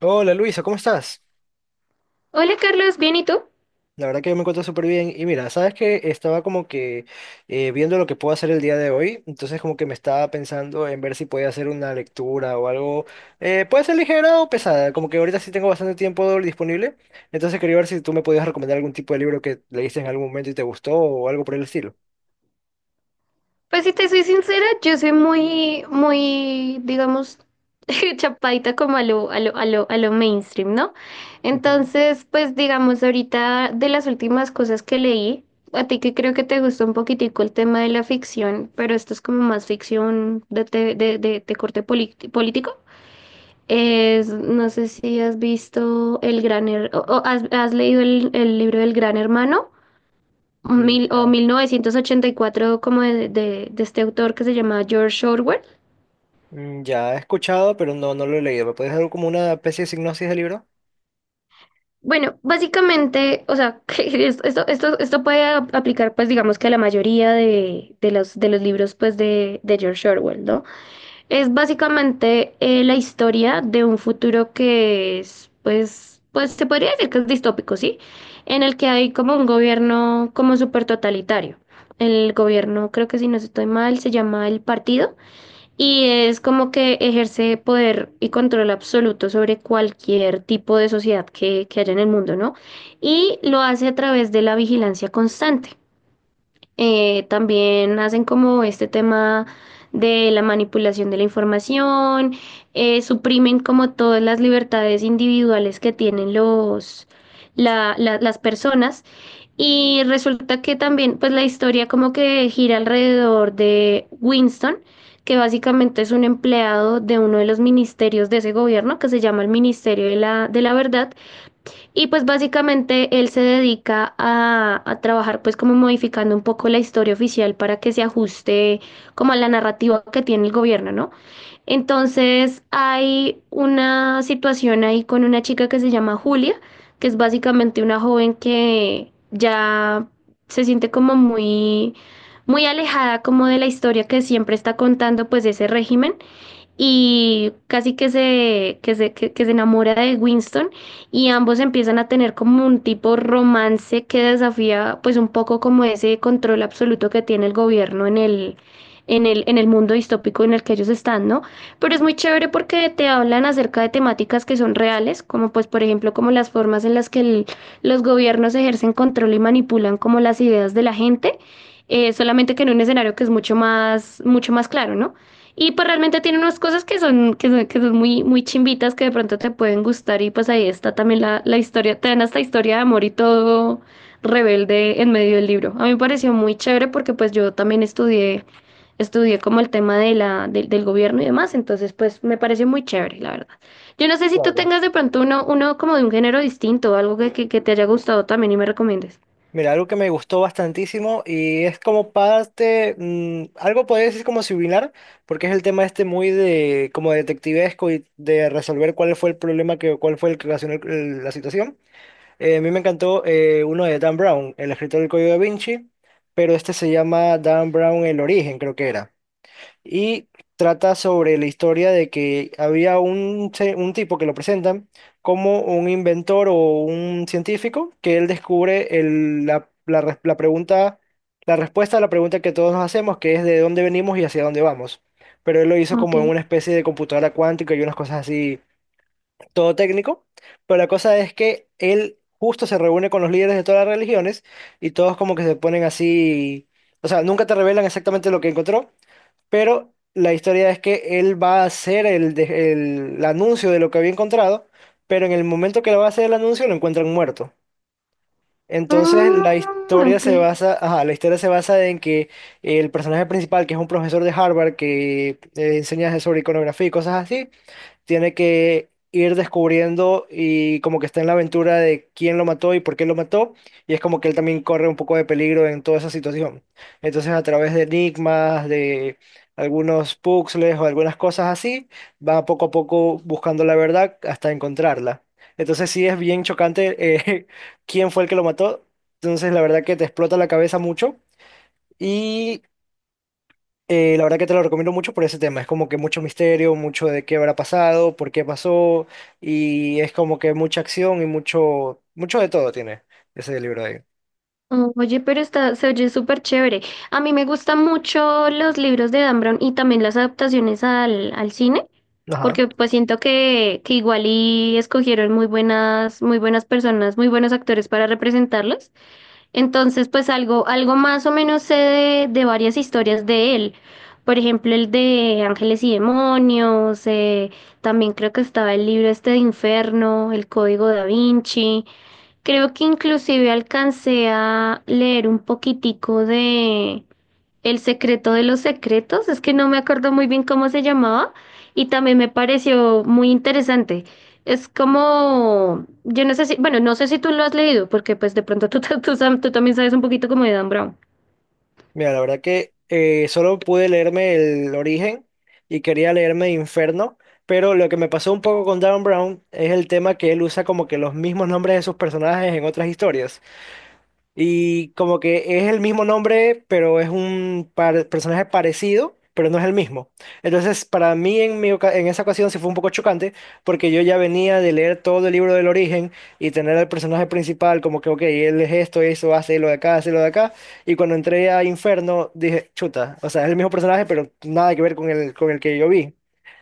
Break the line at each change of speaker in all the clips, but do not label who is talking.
Hola Luisa, ¿cómo estás?
Hola Carlos, ¿bien y tú?
La verdad que yo me encuentro súper bien. Y mira, sabes que estaba como que viendo lo que puedo hacer el día de hoy, entonces como que me estaba pensando en ver si podía hacer una lectura o algo. Puede ser ligera o pesada, como que ahorita sí tengo bastante tiempo disponible, entonces quería ver si tú me podías recomendar algún tipo de libro que leíste en algún momento y te gustó o algo por el estilo.
Pues si te soy sincera, yo soy muy, muy, digamos, chapaita como a lo mainstream, ¿no?
Ujú.
Entonces, pues digamos, ahorita de las últimas cosas que leí, a ti que creo que te gustó un poquitico el tema de la ficción, pero esto es como más ficción de, te- de corte político. Es, no sé si has visto o has leído el libro del Gran Hermano.
Mm.
mil, o
Ya.
mil novecientos ochenta y cuatro, como de este autor que se llama George Orwell.
Mm. Ya he escuchado, pero no lo he leído. ¿Me puedes dar como una especie de sinopsis del libro?
Bueno, básicamente, o sea, que es- esto puede aplicar, pues digamos que a la mayoría de los libros, pues de George Orwell, ¿no? Es básicamente la historia de un futuro que es, pues se podría decir que es distópico, ¿sí? En el que hay como un gobierno como súper totalitario. El gobierno, creo que si no estoy mal, se llama el Partido. Y es como que ejerce poder y control absoluto sobre cualquier tipo de sociedad que haya en el mundo, ¿no? Y lo hace a través de la vigilancia constante. También hacen como este tema de la manipulación de la información, suprimen como todas las libertades individuales que tienen las personas y resulta que también, pues la historia como que gira alrededor de Winston, que básicamente es un empleado de uno de los ministerios de ese gobierno, que se llama el Ministerio de la Verdad, y pues básicamente él se dedica a trabajar pues como modificando un poco la historia oficial para que se ajuste como a la narrativa que tiene el gobierno, ¿no? Entonces hay una situación ahí con una chica que se llama Julia, que es básicamente una joven que ya se siente como muy, muy alejada como de la historia que siempre está contando pues ese régimen y casi que se enamora de Winston y ambos empiezan a tener como un tipo romance que desafía pues un poco como ese control absoluto que tiene el gobierno en el mundo distópico en el que ellos están, ¿no? Pero es muy chévere porque te hablan acerca de temáticas que son reales, como pues por ejemplo como las formas en las que los gobiernos ejercen control y manipulan como las ideas de la gente. Solamente que en un escenario que es mucho más claro, ¿no? Y pues realmente tiene unas cosas que son muy, muy chimbitas que de pronto te pueden gustar y pues ahí está también la historia, te dan hasta historia de amor y todo rebelde en medio del libro. A mí me pareció muy chévere porque pues yo también estudié como el tema de la, del del gobierno y demás, entonces pues me pareció muy chévere, la verdad. Yo no sé si tú
Claro.
tengas de pronto uno como de un género distinto, algo que te haya gustado también y me recomiendes.
Mira, algo que me gustó bastantísimo y es como parte, mm, algo podría decir como similar, porque es el tema este muy de como detectivesco y de resolver cuál fue el problema que, cuál fue el que ocasionó la situación. A mí me encantó uno de Dan Brown, el escritor del Código da Vinci, pero este se llama Dan Brown El Origen, creo que era y trata sobre la historia de que había un tipo que lo presentan como un inventor o un científico que él descubre la pregunta, la respuesta a la pregunta que todos nos hacemos, que es de dónde venimos y hacia dónde vamos. Pero él lo hizo
Ok.
como en una especie de computadora cuántica y unas cosas así, todo técnico. Pero la cosa es que él justo se reúne con los líderes de todas las religiones y todos como que se ponen así, o sea, nunca te revelan exactamente lo que encontró, pero la historia es que él va a hacer el anuncio de lo que había encontrado, pero en el momento que lo va a hacer el anuncio lo encuentran muerto. Entonces la
Mm,
historia
ok.
se basa, ajá, la historia se basa en que el personaje principal, que es un profesor de Harvard que enseña sobre iconografía y cosas así, tiene que ir descubriendo y como que está en la aventura de quién lo mató y por qué lo mató, y es como que él también corre un poco de peligro en toda esa situación. Entonces a través de enigmas, de algunos puzzles o algunas cosas así, va poco a poco buscando la verdad hasta encontrarla. Entonces sí es bien chocante, eh, quién fue el que lo mató, entonces la verdad que te explota la cabeza mucho. Y La verdad que te lo recomiendo mucho por ese tema. Es como que mucho misterio, mucho de qué habrá pasado, por qué pasó, y es como que mucha acción y mucho, mucho de todo tiene ese libro ahí.
Oh, oye, pero se oye súper chévere. A mí me gustan mucho los libros de Dan Brown y también las adaptaciones al cine,
Ajá.
porque pues siento que igual y escogieron muy buenas personas, muy buenos actores para representarlos. Entonces, pues algo más o menos sé de varias historias de él. Por ejemplo, el de Ángeles y Demonios, también creo que estaba el libro este de Inferno, El Código Da Vinci. Creo que inclusive alcancé a leer un poquitico de El secreto de los secretos, es que no me acuerdo muy bien cómo se llamaba y también me pareció muy interesante. Es como, yo no sé si, bueno, no sé si tú lo has leído, porque pues de pronto tú también sabes un poquito como de Dan Brown.
Mira, la verdad que solo pude leerme El Origen y quería leerme Inferno, pero lo que me pasó un poco con Dan Brown es el tema que él usa como que los mismos nombres de sus personajes en otras historias. Y como que es el mismo nombre, pero es un personaje parecido, pero no es el mismo. Entonces, para mí en esa ocasión sí fue un poco chocante, porque yo ya venía de leer todo el libro del origen y tener al personaje principal como que, ok, él es esto, eso, hace lo de acá, hace lo de acá. Y cuando entré a Inferno, dije, chuta, o sea, es el mismo personaje, pero nada que ver con el que yo vi.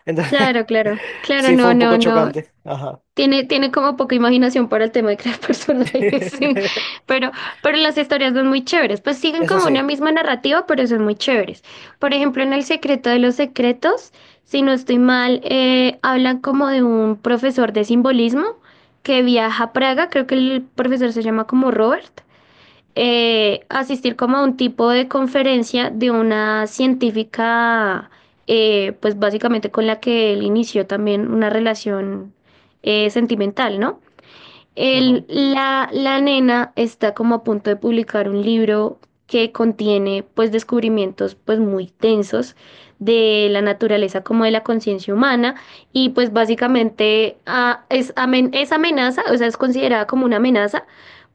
Entonces,
Claro, claro, claro,
sí fue
no,
un poco
no, no.
chocante. Ajá.
Tiene como poca imaginación para el tema de crear personajes, sí. Pero, pero las historias son muy chéveres. Pues siguen
Eso
como una
sí.
misma narrativa, pero son muy chéveres. Por ejemplo, en El secreto de los secretos, si no estoy mal, hablan como de un profesor de simbolismo que viaja a Praga, creo que el profesor se llama como Robert asistir como a un tipo de conferencia de una científica, pues básicamente con la que él inició también una relación sentimental, ¿no?
Ajá.
La nena está como a punto de publicar un libro que contiene pues descubrimientos pues muy tensos de la naturaleza como de la conciencia humana y pues básicamente es amenaza, o sea, es considerada como una amenaza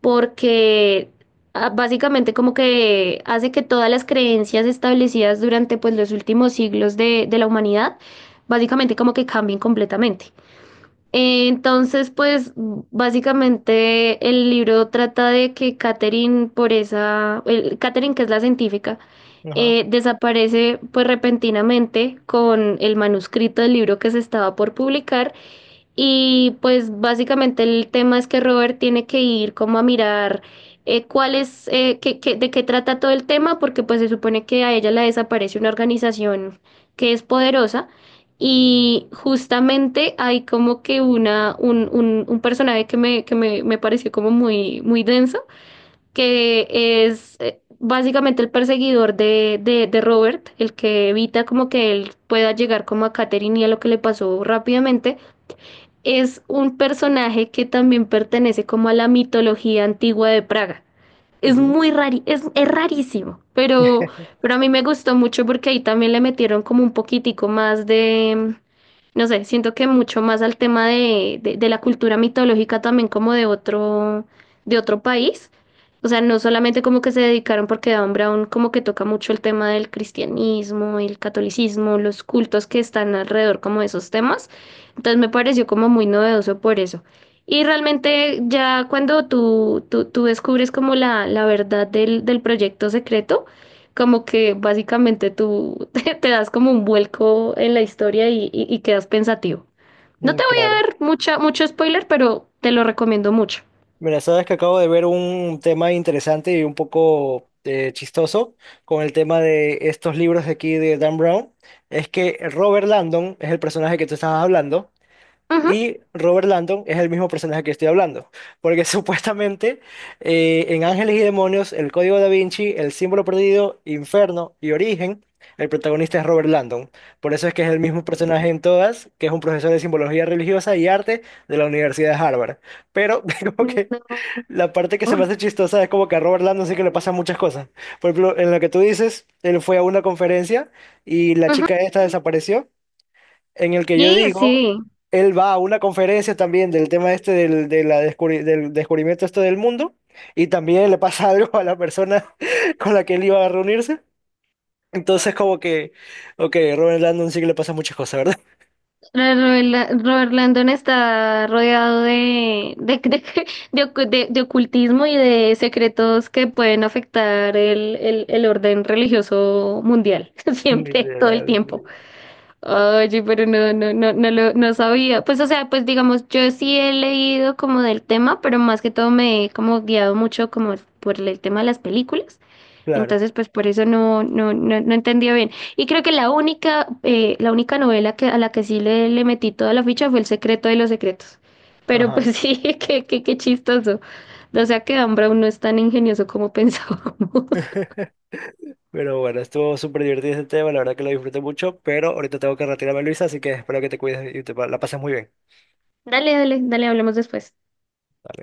porque básicamente como que hace que todas las creencias establecidas durante pues los últimos siglos de la humanidad básicamente como que cambien completamente. Entonces, pues básicamente el libro trata de que Catherine, Catherine, que es la científica,
Ajá.
desaparece pues repentinamente con el manuscrito del libro que se estaba por publicar y pues básicamente el tema es que Robert tiene que ir como a mirar cuál es, qué- qué- de qué trata todo el tema, porque pues se supone que a ella la desaparece una organización que es poderosa y justamente hay como que un personaje que me pareció como muy, muy denso, que es básicamente el perseguidor de Robert, el que evita como que él pueda llegar como a Catherine y a lo que le pasó rápidamente, es un personaje que también pertenece como a la mitología antigua de Praga. Es
Ujú.
muy rari, es rarísimo, pero, a mí me gustó mucho porque ahí también le metieron como un poquitico más de, no sé, siento que mucho más al tema de la cultura mitológica también como de otro, país. O sea, no solamente como que se dedicaron porque Dan Brown como que toca mucho el tema del cristianismo, el catolicismo, los cultos que están alrededor como de esos temas. Entonces me pareció como muy novedoso por eso. Y realmente ya cuando tú descubres como la verdad del proyecto secreto, como que básicamente tú te das como un vuelco en la historia y quedas pensativo. No
Mm.
te voy
Claro.
a dar mucho spoiler, pero te lo recomiendo mucho.
Mira, sabes que acabo de ver un tema interesante y un poco chistoso con el tema de estos libros de aquí de Dan Brown. Es que Robert Landon es el personaje que tú estabas hablando.
Ujú.
Y Robert Landon es el mismo personaje que estoy hablando, porque supuestamente en Ángeles y Demonios, El Código Da Vinci, El Símbolo Perdido, Inferno y Origen, el protagonista es Robert Landon. Por eso es que es el mismo personaje en todas, que es un profesor de simbología religiosa y arte de la Universidad de Harvard. Pero como que la parte que se me
No.
hace chistosa es como que a Robert Landon sí que le pasan muchas cosas. Por ejemplo, en lo que tú dices, él fue a una conferencia y la chica esta desapareció, en el que
Y
yo digo,
sí,
él va a una conferencia también del tema este de la del descubrimiento este del mundo y también le pasa algo a la persona con la que él iba a reunirse. Entonces como que, ok, Robert Landon sí que le pasa muchas cosas, ¿verdad?
Robert Landon está rodeado de ocultismo y de secretos que pueden afectar el orden religioso mundial, siempre, todo el
Literal,
tiempo.
sí.
Oye, pero no, no, no, no sabía. Pues, o sea, pues digamos, yo sí he leído como del tema, pero más que todo me he como guiado mucho como por el tema de las películas.
Claro,
Entonces, pues por eso no entendía bien. Y creo que la única novela a la que sí le metí toda la ficha fue El secreto de los secretos. Pero
ajá.
pues sí, qué chistoso. O sea que Ambra no es tan ingenioso como pensábamos.
Pero bueno, estuvo súper divertido este tema, la verdad que lo disfruté mucho, pero ahorita tengo que retirarme, Luisa, así que espero que te cuides y la pases muy bien.
Dale, dale, dale, hablemos después.